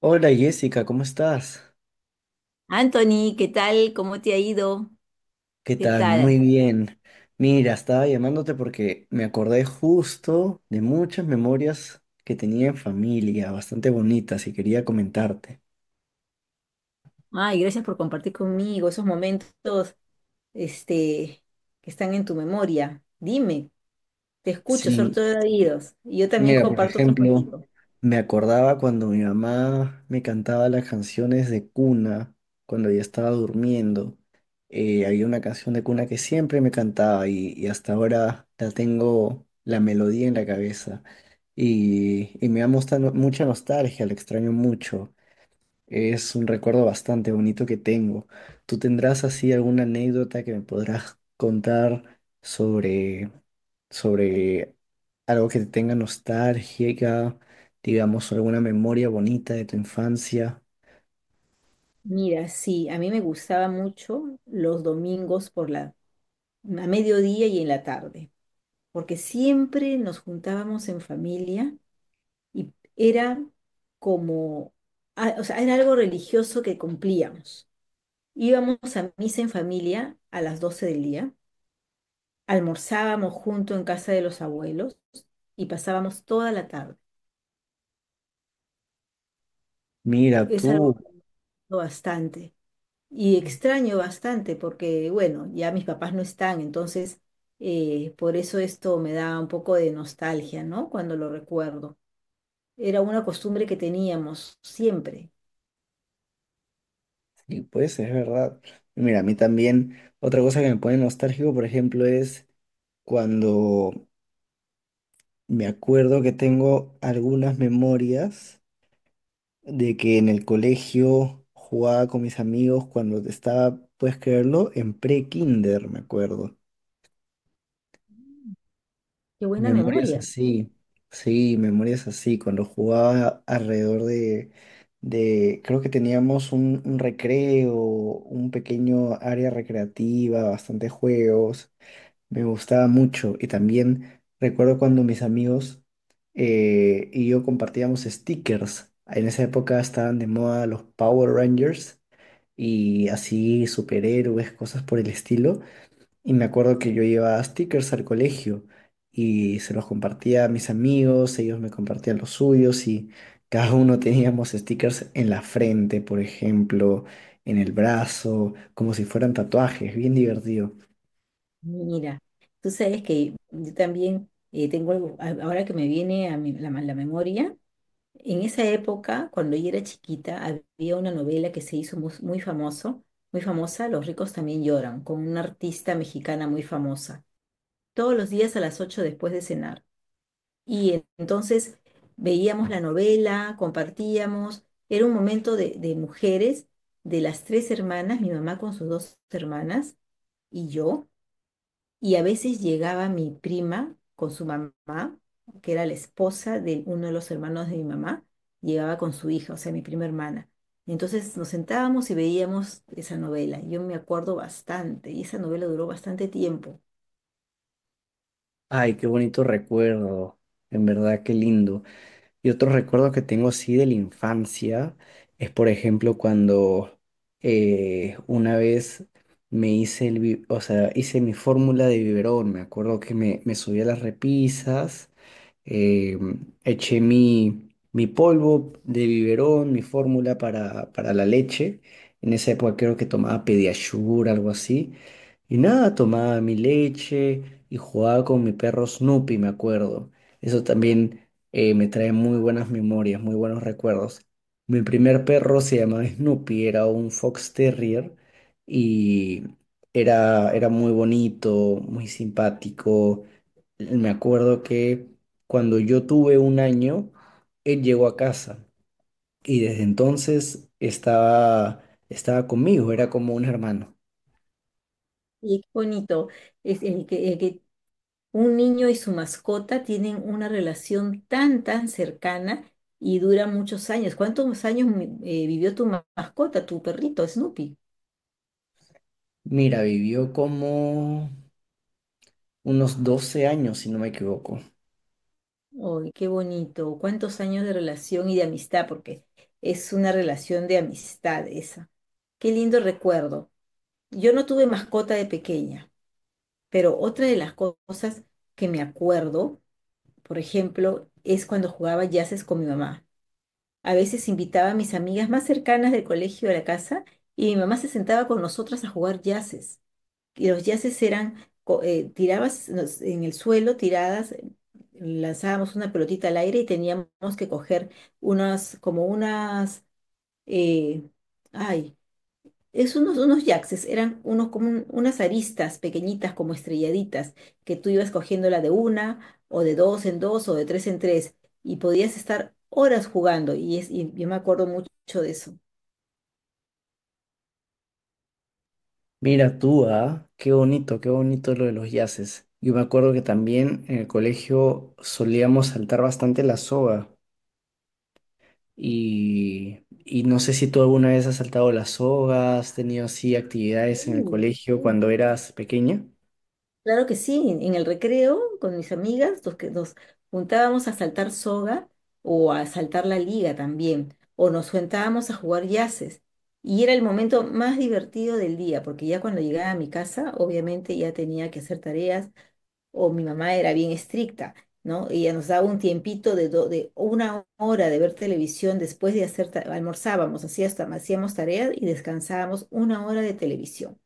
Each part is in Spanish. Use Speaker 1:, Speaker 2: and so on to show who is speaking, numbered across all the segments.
Speaker 1: Hola Jessica, ¿cómo estás?
Speaker 2: Anthony, ¿qué tal? ¿Cómo te ha ido?
Speaker 1: ¿Qué
Speaker 2: ¿Qué
Speaker 1: tal? Muy
Speaker 2: tal?
Speaker 1: bien. Mira, estaba llamándote porque me acordé justo de muchas memorias que tenía en familia, bastante bonitas, y quería comentarte.
Speaker 2: Ay, gracias por compartir conmigo esos momentos, este, que están en tu memoria. Dime, te escucho, soy
Speaker 1: Sí,
Speaker 2: todo oídos. Y yo también
Speaker 1: mira, por
Speaker 2: comparto otros
Speaker 1: ejemplo,
Speaker 2: contigo.
Speaker 1: me acordaba cuando mi mamá me cantaba las canciones de cuna, cuando ella estaba durmiendo. Había una canción de cuna que siempre me cantaba y hasta ahora la tengo la melodía en la cabeza. Y me da mucha nostalgia, la extraño mucho. Es un recuerdo bastante bonito que tengo. ¿Tú tendrás así alguna anécdota que me podrás contar sobre sobre algo que te tenga nostálgica, digamos, alguna memoria bonita de tu infancia?
Speaker 2: Mira, sí, a mí me gustaba mucho los domingos por la, a mediodía y en la tarde, porque siempre nos juntábamos en familia y era como, o sea, era algo religioso que cumplíamos. Íbamos a misa en familia a las 12 del día, almorzábamos junto en casa de los abuelos y pasábamos toda la tarde.
Speaker 1: Mira,
Speaker 2: Es algo
Speaker 1: tú,
Speaker 2: bastante, y extraño bastante porque, bueno, ya mis papás no están, entonces por eso esto me da un poco de nostalgia, ¿no? Cuando lo recuerdo. Era una costumbre que teníamos siempre.
Speaker 1: sí, pues es verdad. Mira, a mí también, otra cosa que me pone nostálgico, por ejemplo, es cuando me acuerdo que tengo algunas memorias de que en el colegio jugaba con mis amigos cuando estaba, puedes creerlo, en pre-kinder, me acuerdo.
Speaker 2: Qué buena
Speaker 1: Memorias
Speaker 2: memoria.
Speaker 1: así, sí, memorias así, cuando jugaba alrededor de creo que teníamos un recreo, un pequeño área recreativa, bastantes juegos, me gustaba mucho y también recuerdo cuando mis amigos y yo compartíamos stickers. En esa época estaban de moda los Power Rangers y así superhéroes, cosas por el estilo. Y me acuerdo que yo llevaba stickers al colegio y se los compartía a mis amigos, ellos me compartían los suyos y cada uno teníamos stickers en la frente, por ejemplo, en el brazo, como si fueran tatuajes, bien divertido.
Speaker 2: Mira, tú sabes que yo también tengo algo, ahora que me viene a la memoria. En esa época, cuando yo era chiquita, había una novela que se hizo muy famosa, Los ricos también lloran, con una artista mexicana muy famosa, todos los días a las 8 después de cenar. Entonces veíamos la novela, compartíamos, era un momento de mujeres, de las tres hermanas, mi mamá con sus dos hermanas y yo, y a veces llegaba mi prima con su mamá, que era la esposa de uno de los hermanos de mi mamá, llegaba con su hija, o sea, mi prima hermana. Entonces nos sentábamos y veíamos esa novela. Yo me acuerdo bastante, y esa novela duró bastante tiempo.
Speaker 1: Ay, qué bonito recuerdo, en verdad, qué lindo. Y otro recuerdo que tengo sí de la infancia es, por ejemplo, cuando una vez me hice o sea, hice mi fórmula de biberón. Me acuerdo que me subí a las repisas, eh, eché mi polvo de biberón, mi fórmula para la leche. En esa época creo que tomaba Pediasure, algo así. Y nada, tomaba mi leche y jugaba con mi perro Snoopy, me acuerdo. Eso también me trae muy buenas memorias, muy buenos recuerdos. Mi primer perro se llamaba Snoopy, era un Fox Terrier y era, era muy bonito, muy simpático. Me acuerdo que cuando yo tuve 1 año, él llegó a casa y desde entonces estaba, estaba conmigo, era como un hermano.
Speaker 2: Y qué bonito es el que un niño y su mascota tienen una relación tan, tan cercana y dura muchos años. ¿Cuántos años vivió tu mascota, tu perrito, Snoopy?
Speaker 1: Mira, vivió como unos 12 años, si no me equivoco.
Speaker 2: Uy, qué bonito. ¿Cuántos años de relación y de amistad? Porque es una relación de amistad esa. Qué lindo recuerdo. Yo no tuve mascota de pequeña, pero otra de las cosas que me acuerdo, por ejemplo, es cuando jugaba jazzes con mi mamá. A veces invitaba a mis amigas más cercanas del colegio a la casa y mi mamá se sentaba con nosotras a jugar jazzes, y los yaces eran, en el suelo, tiradas, lanzábamos una pelotita al aire y teníamos que coger unas, como unas, eh, ay, es unos, unos yaces, eran unos como unas aristas pequeñitas, como estrelladitas, que tú ibas cogiéndola de una, o de dos en dos, o de tres en tres, y podías estar horas jugando, y, es, y yo me acuerdo mucho de eso.
Speaker 1: Mira tú, ah, qué bonito lo de los yaces. Yo me acuerdo que también en el colegio solíamos saltar bastante la soga. Y no sé si tú alguna vez has saltado las sogas, has tenido así actividades en el
Speaker 2: Mm,
Speaker 1: colegio
Speaker 2: mm.
Speaker 1: cuando eras pequeña.
Speaker 2: Claro que sí, en el recreo con mis amigas nos, nos juntábamos a saltar soga, o a saltar la liga también, o nos juntábamos a jugar yaces. Y era el momento más divertido del día, porque ya cuando llegaba a mi casa, obviamente ya tenía que hacer tareas, o mi mamá era bien estricta, ¿no? Ella nos daba un tiempito de, de una hora de ver televisión. Después de hacer, almorzábamos, así hasta hacíamos tareas y descansábamos una hora de televisión.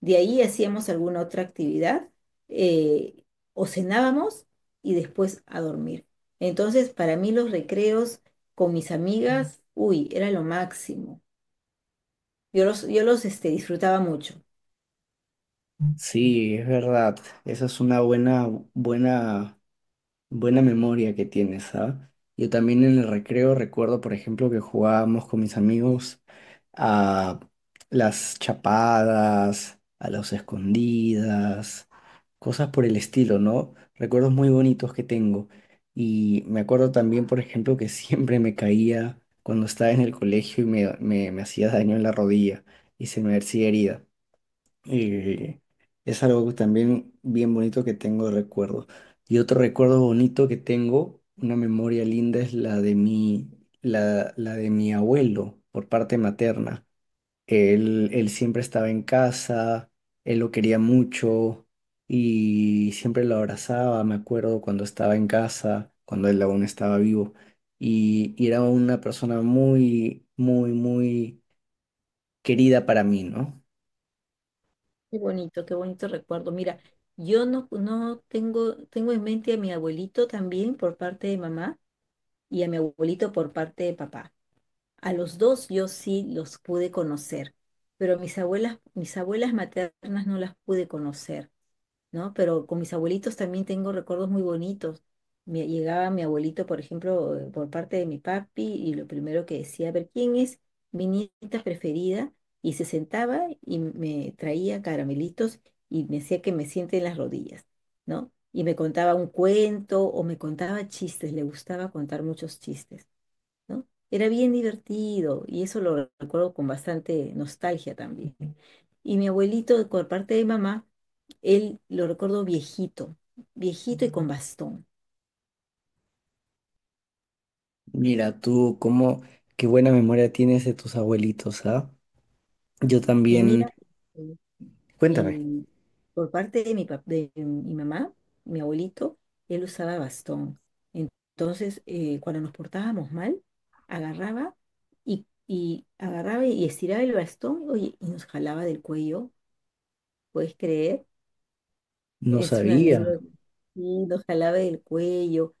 Speaker 2: De ahí hacíamos alguna otra actividad, eh, o cenábamos y después a dormir. Entonces, para mí los recreos con mis amigas, uy, era lo máximo. Yo los disfrutaba mucho.
Speaker 1: Sí, es verdad. Esa es una buena, buena, buena memoria que tienes, ¿sabes? Yo también en el recreo recuerdo, por ejemplo, que jugábamos con mis amigos a las chapadas, a las escondidas, cosas por el estilo, ¿no? Recuerdos muy bonitos que tengo. Y me acuerdo también, por ejemplo, que siempre me caía cuando estaba en el colegio y me hacía daño en la rodilla y se me hacía herida. Y es algo también bien bonito que tengo de recuerdo. Y otro recuerdo bonito que tengo, una memoria linda, es la de la de mi abuelo por parte materna. Él siempre estaba en casa, él lo quería mucho y siempre lo abrazaba, me acuerdo cuando estaba en casa, cuando él aún estaba vivo. Y era una persona muy, muy, muy querida para mí, ¿no?
Speaker 2: Qué bonito recuerdo. Mira, yo no, no tengo, tengo en mente a mi abuelito también por parte de mamá y a mi abuelito por parte de papá. A los dos yo sí los pude conocer, pero mis abuelas maternas no las pude conocer. ¿No? Pero con mis abuelitos también tengo recuerdos muy bonitos. Me, llegaba mi abuelito, por ejemplo, por parte de mi papi, y lo primero que decía, a ver, ¿quién es mi nieta preferida? Y se sentaba y me traía caramelitos y me decía que me siente en las rodillas, ¿no? Y me contaba un cuento o me contaba chistes, le gustaba contar muchos chistes. ¿No? Era bien divertido y eso lo recuerdo con bastante nostalgia también. Y mi abuelito, por parte de mamá, él lo recuerdo viejito, viejito y con bastón.
Speaker 1: Mira, tú, cómo, qué buena memoria tienes de tus abuelitos, ¿ah? Yo
Speaker 2: Y mira,
Speaker 1: también,
Speaker 2: el-
Speaker 1: cuéntame,
Speaker 2: el- por parte de mi, de mi mamá, mi abuelito, él usaba bastón. Entonces, cuando nos portábamos mal, agarraba y agarraba y estiraba el bastón, oye, y nos jalaba del cuello, ¿puedes creer?
Speaker 1: no
Speaker 2: Es una
Speaker 1: sabía.
Speaker 2: anécdota, sí, lo jalaba del cuello,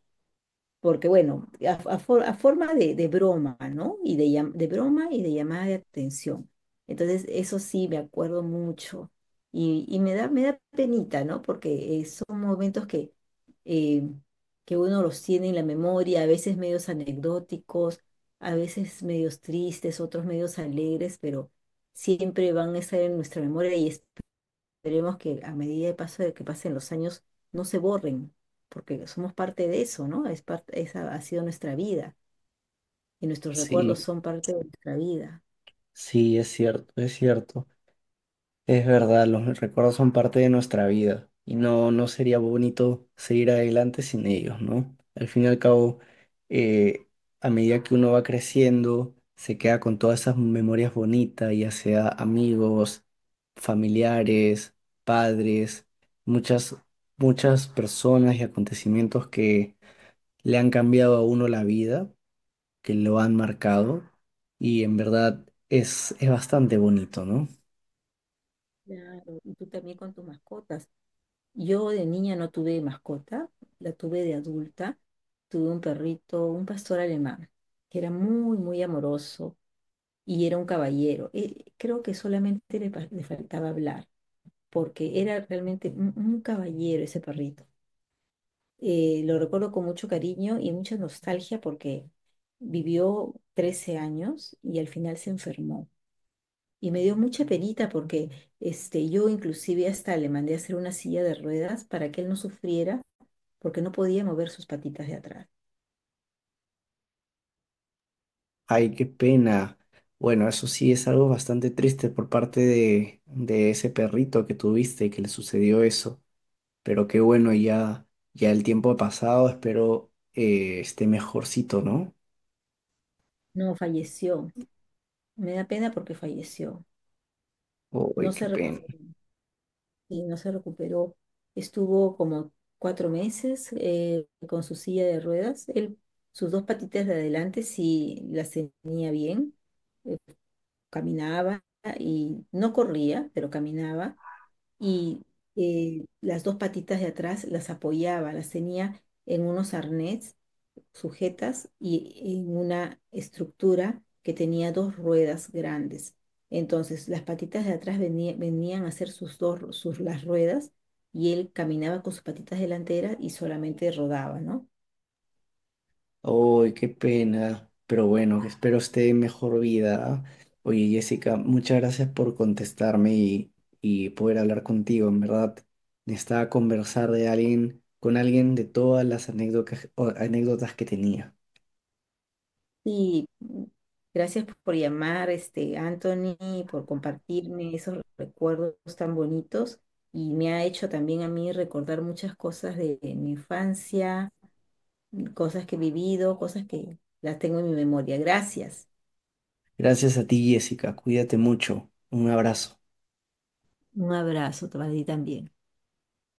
Speaker 2: porque bueno, a forma de broma, ¿no? Y de, de broma y de llamada de atención. Entonces, eso sí, me acuerdo mucho. Y me da penita, ¿no? Porque son momentos eh, que uno los tiene en la memoria, a veces medios anecdóticos, a veces medios tristes, otros medios alegres, pero siempre van a estar en nuestra memoria. Y esperemos que a medida de paso de que pasen los años no se borren, porque somos parte de eso, ¿no? Es parte, esa ha sido nuestra vida y nuestros recuerdos
Speaker 1: Sí,
Speaker 2: son parte de nuestra vida.
Speaker 1: sí, es cierto, es cierto. Es verdad, los recuerdos son parte de nuestra vida y no, no sería bonito seguir adelante sin ellos, ¿no? Al fin y al cabo, eh, a medida que uno va creciendo, se queda con todas esas memorias bonitas, ya sea amigos, familiares, padres, muchas, muchas personas y acontecimientos que le han cambiado a uno la vida, que lo han marcado y en verdad es bastante bonito, ¿no?
Speaker 2: Claro, y tú también con tus mascotas. Yo de niña no tuve mascota, la tuve de adulta. Tuve un perrito, un pastor alemán, que era muy, muy amoroso y era un caballero. Creo que solamente le, le faltaba hablar, porque era realmente un caballero ese perrito. Lo recuerdo con mucho cariño y mucha nostalgia porque vivió 13 años y al final se enfermó. Y me dio mucha penita porque yo inclusive hasta le mandé a hacer una silla de ruedas para que él no sufriera, porque no podía mover sus patitas de atrás.
Speaker 1: Ay, qué pena. Bueno, eso sí es algo bastante triste por parte de ese perrito que tuviste y que le sucedió eso. Pero qué bueno, ya, ya el tiempo ha pasado, espero esté mejorcito, ¿no?
Speaker 2: No, falleció. Me da pena porque falleció.
Speaker 1: Ay,
Speaker 2: No
Speaker 1: qué
Speaker 2: se, recu-
Speaker 1: pena.
Speaker 2: y no se recuperó. Estuvo como 4 meses con su silla de ruedas. Él, sus dos patitas de adelante sí las tenía bien, caminaba y no corría, pero caminaba, y las dos patitas de atrás las apoyaba, las tenía en unos arnés sujetas y en una estructura que tenía dos ruedas grandes. Entonces las patitas de atrás venían a hacer sus dos, sus, las ruedas, y él caminaba con sus patitas delanteras y solamente rodaba, ¿no?
Speaker 1: Ay, qué pena. Pero bueno, espero esté en mejor vida. Oye, Jessica, muchas gracias por contestarme y poder hablar contigo. En verdad, necesitaba conversar de alguien, con alguien de todas las anécdotas, anécdotas que tenía.
Speaker 2: Y gracias por llamar, Anthony, por compartirme esos recuerdos tan bonitos y me ha hecho también a mí recordar muchas cosas de mi infancia, cosas que he vivido, cosas que las tengo en mi memoria. Gracias.
Speaker 1: Gracias a ti, Jessica. Cuídate mucho. Un abrazo.
Speaker 2: Un abrazo para ti también.